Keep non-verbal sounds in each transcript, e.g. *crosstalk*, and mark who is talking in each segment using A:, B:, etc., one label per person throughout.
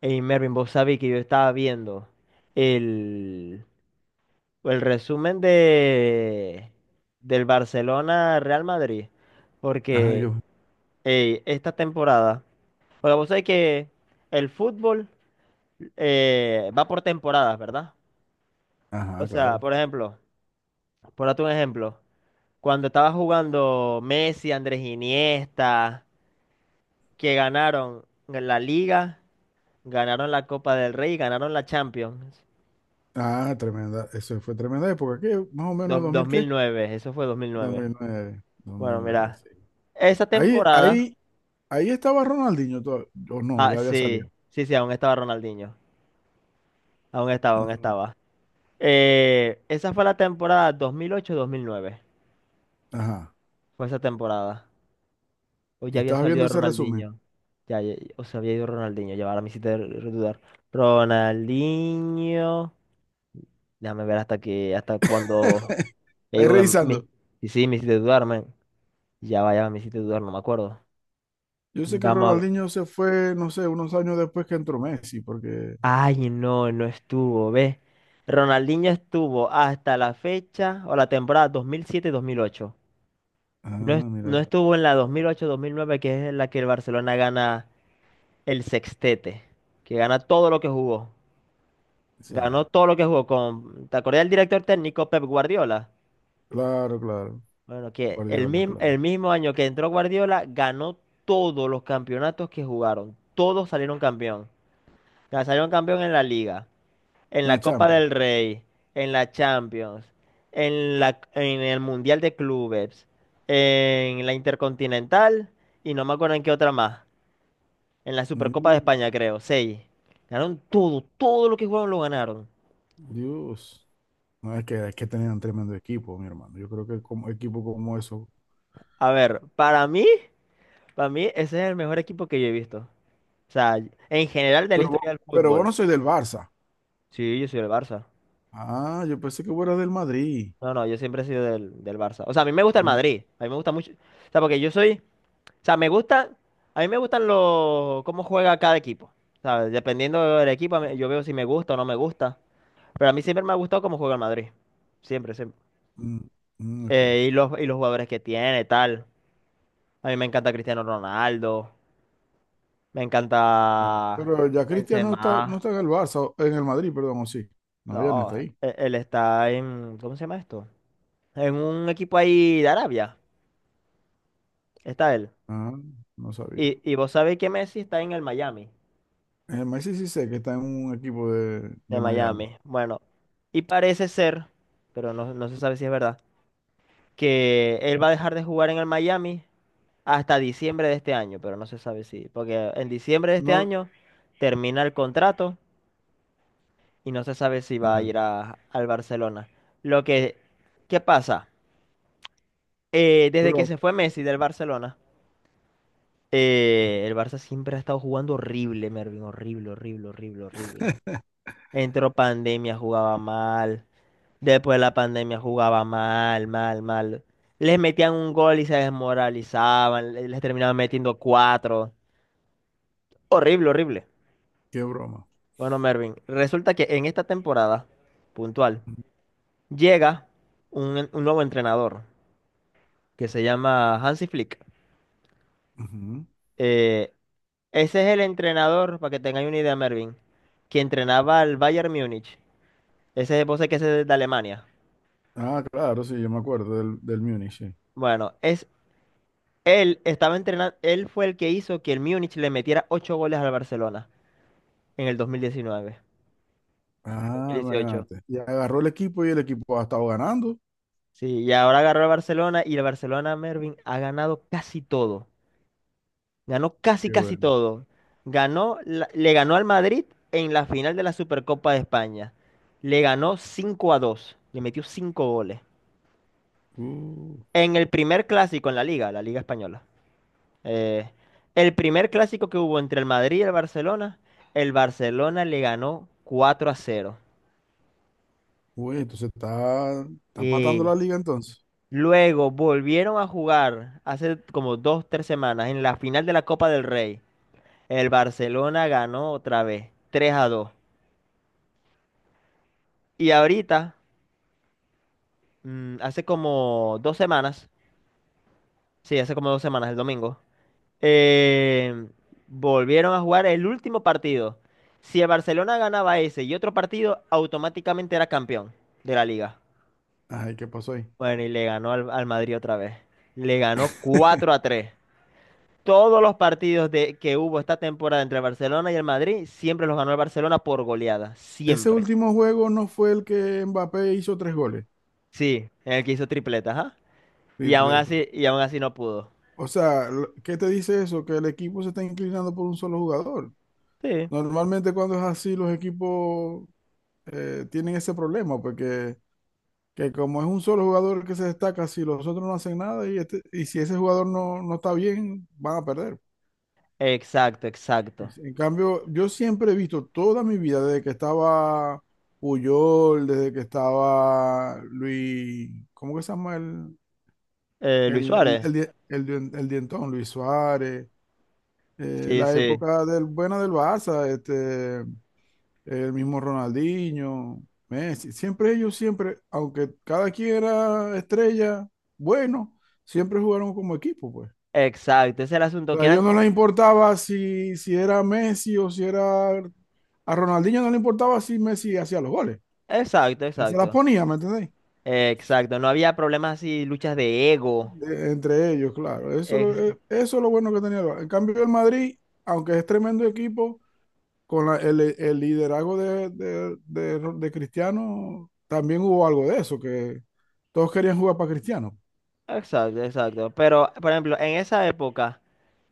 A: Hey Mervin, vos sabés que yo estaba viendo el, el resumen de del Barcelona Real Madrid,
B: Ajá,
A: porque
B: yo.
A: esta temporada, porque vos sabés que el fútbol va por temporadas, ¿verdad? O
B: Ajá,
A: sea,
B: claro.
A: por ejemplo, por darte un ejemplo, cuando estaba jugando Messi, Andrés Iniesta, que ganaron la Liga, ganaron la Copa del Rey, y ganaron la Champions.
B: Ah, tremenda. Eso fue tremenda época. ¿Qué? Más o menos dos mil, ¿qué?
A: Mil nueve, eso fue dos mil
B: Dos
A: nueve
B: mil nueve, dos mil
A: Bueno,
B: nueve,
A: mira,
B: sí.
A: esa
B: Ahí,
A: temporada,
B: ahí, ahí estaba Ronaldinho todavía. O no,
A: ah,
B: ya había salido.
A: sí, sí, sí, aún estaba Ronaldinho, aún estaba, aún
B: Ujú.
A: estaba. Esa fue la temporada dos mil ocho mil nueve,
B: Ajá.
A: fue esa temporada. O ya
B: Y
A: había
B: estabas viendo
A: salido
B: ese resumen.
A: Ronaldinho, o se había ido Ronaldinho, ya ahora me hiciste dudar. Ronaldinho, déjame ver hasta que, hasta cuando,
B: *laughs*
A: ya
B: Ahí
A: iba, que
B: revisando.
A: me, sí, sí, me hiciste dudar, man. Ya vaya, me hiciste dudar, no me acuerdo.
B: Yo sé que
A: Vamos.
B: Ronaldinho se fue, no sé, unos años después que entró Messi, porque.
A: Ay, no, no estuvo, ¿ves? Ronaldinho estuvo hasta la fecha o la temporada 2007-2008. No,
B: Ah, mira.
A: no estuvo en la 2008-2009, que es en la que el Barcelona gana el sextete, que gana todo lo que jugó.
B: O sea,
A: Ganó todo lo que jugó con. ¿Te acordás del director técnico Pep Guardiola?
B: claro, claro.
A: Bueno, que
B: Guardiola, claro.
A: el mismo año que entró Guardiola, ganó todos los campeonatos que jugaron. Todos salieron campeón. Ya salieron campeón en la liga, en la
B: La
A: Copa
B: Champions.
A: del Rey, en la Champions, en el Mundial de Clubes, en la Intercontinental y no me acuerdo en qué otra más. En la Supercopa de
B: Mm,
A: España, creo, seis. Ganaron todo, todo lo que jugaron lo ganaron.
B: Dios. No, es que tenían un tremendo equipo, mi hermano. Yo creo que como equipo como eso.
A: A ver, para mí ese es el mejor equipo que yo he visto. O sea, en general de la
B: Pero vos,
A: historia del
B: pero vos
A: fútbol.
B: no sois del Barça.
A: Sí, yo soy del Barça.
B: Ah, yo pensé que vos eras del Madrid.
A: No, no, yo siempre he sido del Barça. O sea, a mí me gusta
B: A
A: el
B: mí-
A: Madrid. A mí me gusta mucho. O sea, porque yo soy. O sea, me gusta, a mí me gustan los, cómo juega cada equipo. ¿Sabes? Dependiendo del equipo, yo veo si me gusta o no me gusta. Pero a mí siempre me ha gustado cómo juega el Madrid. Siempre, siempre.
B: mm, mm, ok,
A: Y los jugadores que tiene, tal. A mí me encanta Cristiano Ronaldo. Me
B: claro.
A: encanta
B: Pero ya Cristiano no está, no
A: Benzema.
B: está en el Barça, en el Madrid, perdón, o sí. No, ya no
A: No,
B: está ahí.
A: él está en, ¿cómo se llama esto? En un equipo ahí de Arabia. Está él.
B: Ah, no sabía.
A: Y vos sabéis que Messi está en el Miami.
B: El Messi sí sé que está en un equipo de,
A: De
B: de Miami.
A: Miami. Bueno, y parece ser, pero no, no se sabe si es verdad, que él va a dejar de jugar en el Miami hasta diciembre de este año, pero no se sabe si, porque en diciembre de este
B: No,
A: año termina el contrato y no se sabe si va a
B: ya.
A: ir al Barcelona. Lo que, ¿qué pasa? Desde que
B: Pero,
A: se fue Messi del Barcelona, el Barça siempre ha estado jugando horrible, Mervin, horrible, horrible, horrible, horrible.
B: *laughs*
A: Entró pandemia, jugaba mal. Después de la pandemia jugaba mal, mal, mal. Les metían un gol y se desmoralizaban, les terminaban metiendo cuatro. Horrible, horrible.
B: qué broma.
A: Bueno, Mervin, resulta que en esta temporada puntual llega un nuevo entrenador que se llama Hansi Flick.
B: Ujú.
A: Eh, ese es el entrenador, para que tengáis una idea, Mervin, que entrenaba al Bayern Múnich. Ese es el que es de Alemania.
B: Ah, claro, sí, yo me acuerdo del Múnich, sí.
A: Bueno, es. Él estaba entrenando, él fue el que hizo que el Múnich le metiera 8 goles al Barcelona en el 2019,
B: Ah,
A: 2018.
B: imagínate. Y agarró el equipo y el equipo ha estado ganando.
A: Sí, y ahora agarró al Barcelona y el Barcelona, Mervin, ha ganado casi todo. Ganó casi
B: Qué
A: casi
B: bueno.
A: todo. Ganó, le ganó al Madrid en la final de la Supercopa de España. Le ganó 5-2. Le metió 5 goles.
B: Uh,
A: En el primer clásico en la liga española. Eh, el primer clásico que hubo entre el Madrid y el Barcelona le ganó 4-0.
B: uy, entonces está matando
A: Y
B: la liga entonces.
A: luego volvieron a jugar hace como dos, tres semanas en la final de la Copa del Rey. El Barcelona ganó otra vez, 3-2. Y ahorita, hace como dos semanas, sí, hace como dos semanas, el domingo. eh, Volvieron a jugar el último partido. Si el Barcelona ganaba ese y otro partido, automáticamente era campeón de la liga.
B: Ay, ¿qué pasó ahí?
A: Bueno, y le ganó al Madrid otra vez. Le ganó 4
B: *laughs*
A: a 3. Todos los partidos de, que hubo esta temporada entre el Barcelona y el Madrid, siempre los ganó el Barcelona por goleada.
B: Ese
A: Siempre.
B: último juego no fue el que Mbappé hizo tres goles,
A: Sí, en el que hizo tripletas, ajá.
B: tripleta.
A: Y aún así no pudo.
B: O sea, ¿qué te dice eso? Que el equipo se está inclinando por un solo jugador.
A: Sí,
B: Normalmente cuando es así, los equipos tienen ese problema, porque que como es un solo jugador que se destaca, si los otros no hacen nada y, y si ese jugador no está bien, van a perder.
A: exacto, exacto.
B: En cambio, yo siempre he visto toda mi vida, desde que estaba Puyol, desde que estaba Luis, ¿cómo que se llama el,
A: Luis
B: el, el,
A: Suárez.
B: el, die- el dien- el dientón? Luis Suárez,
A: Sí,
B: la
A: sí.
B: época del buena del Barça, el mismo Ronaldinho, Messi, siempre ellos, siempre, aunque cada quien era estrella, bueno, siempre jugaron como equipo, pues.
A: Exacto, ese es el
B: O
A: asunto,
B: sea,
A: que
B: a ellos
A: eran.
B: no les importaba si era Messi o si era. A Ronaldinho no le importaba si Messi hacía los goles.
A: Exacto,
B: Él se las
A: exacto.
B: ponía, ¿me entendéis?
A: Exacto. No había problemas así, luchas de ego.
B: Entre ellos, claro. Eso, es lo-
A: Ex-
B: eh, eso es lo bueno que tenía el Barça. En cambio, el Madrid, aunque es tremendo equipo, con el liderazgo de Cristiano, también hubo algo de eso, que todos querían jugar para Cristiano.
A: exacto, exacto. Pero, por ejemplo, en esa época,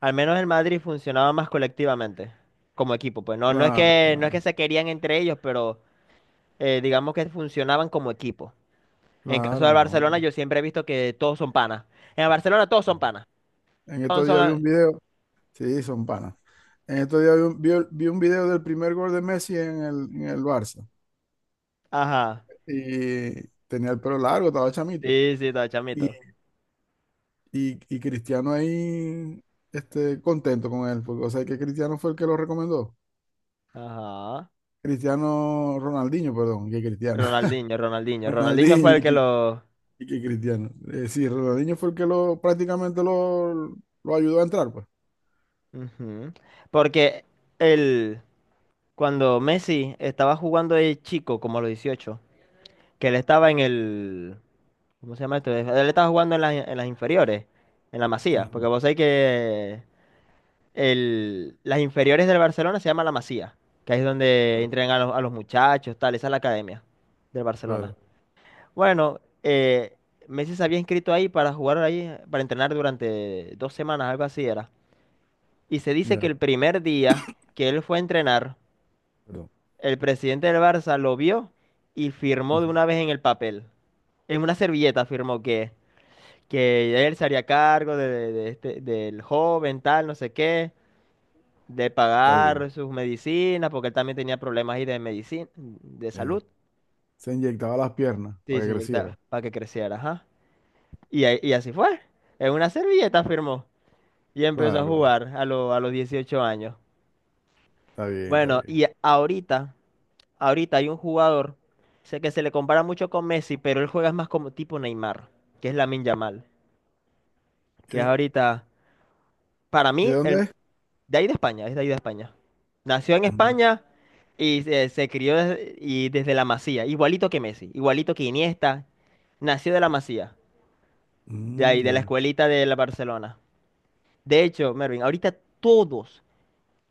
A: al menos el Madrid funcionaba más colectivamente, como equipo. Pues no, no es
B: Claro,
A: que, no es que
B: claro,
A: se querían entre ellos, pero digamos que funcionaban como equipo. En caso del
B: claro, no.
A: Barcelona, yo siempre he visto que todos son panas. En el Barcelona todos son panas.
B: En
A: Todos
B: estos
A: son.
B: días vi un video. Sí, son panas. En estos días vi un video del primer gol de Messi en el Barça.
A: Ajá.
B: Y tenía el pelo largo, estaba chamito.
A: Sí, sí, todo
B: Y,
A: chamito.
B: y Cristiano ahí, contento con él. Porque, o sea, que Cristiano fue el que lo recomendó.
A: Ajá.
B: Cristiano, Ronaldinho, perdón, que Cristiano.
A: Ronaldinho,
B: *laughs*
A: Ronaldinho. Ronaldinho
B: Ronaldinho
A: fue el
B: y
A: que
B: que,
A: lo.
B: y que Cristiano. Sí, Ronaldinho fue el que lo prácticamente lo ayudó a entrar, pues.
A: Ujú. Porque el, cuando Messi estaba jugando de chico, como a los 18, que él estaba en el, ¿cómo se llama esto? Él estaba jugando en las inferiores, en la Masía, porque
B: Ujú.
A: vos sabés que el, las inferiores del Barcelona se llama la Masía, que ahí es donde
B: Claro,
A: entrenan a los muchachos, tal, esa es la academia del Barcelona.
B: claro,
A: Bueno, Messi se había inscrito ahí para jugar ahí, para entrenar durante dos semanas, algo así era. Y se dice que
B: ya,
A: el primer día que él fue a entrenar,
B: perdón.
A: el presidente del Barça lo vio y firmó de
B: Ujú.
A: una vez en el papel. En una servilleta firmó que él se haría cargo de este, del joven, tal, no sé qué, de
B: Está bien.
A: pagar sus medicinas, porque él también tenía problemas ahí de medicina, de
B: eh,
A: salud.
B: se inyectaba las piernas
A: Sí,
B: para
A: se
B: que creciera.
A: inyectaba para que creciera, ajá. Y así fue. En una servilleta firmó y empezó
B: Claro,
A: a
B: claro.
A: jugar a los 18 años.
B: Está bien, está
A: Bueno,
B: bien.
A: y ahorita. Ahorita hay un jugador, sé que se le compara mucho con Messi, pero él juega más como tipo Neymar, que es Lamine Yamal, que es
B: Eh,
A: ahorita, para
B: ¿De
A: mí, el,
B: dónde es?
A: de ahí de España, es de ahí de España. Nació en
B: Mm,
A: España y se crió desde, y desde la Masía, igualito que Messi, igualito que Iniesta, nació de la Masía, de
B: mm,
A: ahí, de la
B: ya.
A: escuelita de la Barcelona. De hecho, Mervin, ahorita todos,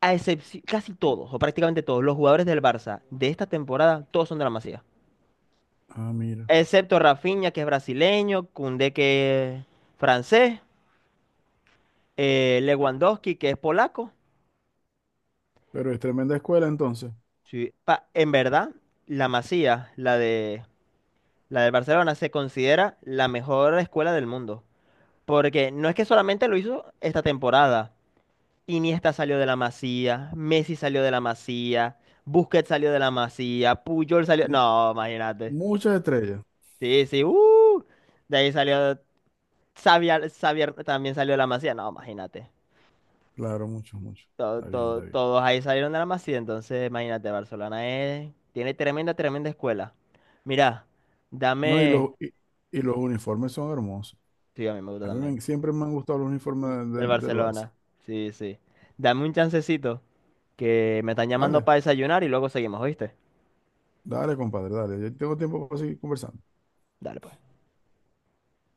A: a excepción, casi todos, o prácticamente todos, los jugadores del Barça de esta temporada, todos son de la Masía.
B: Ah, mira.
A: Excepto Rafinha, que es brasileño, Koundé, que es francés, Lewandowski, que es polaco.
B: Pero es tremenda escuela entonces.
A: Sí, en verdad, la Masía, la del Barcelona, se considera la mejor escuela del mundo. Porque no es que solamente lo hizo esta temporada. Iniesta salió de la Masía, Messi salió de la Masía, Busquets salió de la Masía, Puyol salió...
B: M-
A: No, imagínate.
B: muchas estrellas.
A: Sí, sí, de ahí salió... Xavi, Xavi también salió de la Masía. No, imagínate.
B: Claro, muchos, muchos.
A: to-
B: Está bien, está
A: to-
B: bien.
A: todos ahí salieron de la Masía, entonces imagínate, Barcelona es, tiene tremenda, tremenda escuela. Mira,
B: No, y
A: dame,
B: los, y, y los uniformes son hermosos.
A: sí, a mí me gusta
B: A mí
A: también,
B: me- siempre me han gustado los uniformes
A: del
B: del Barça.
A: Barcelona, sí, sí. Dame un chancecito, que me están llamando
B: Dale,
A: para desayunar y luego seguimos, ¿oíste?
B: dale, compadre, dale. Ya tengo tiempo para seguir conversando.
A: Dale, pues.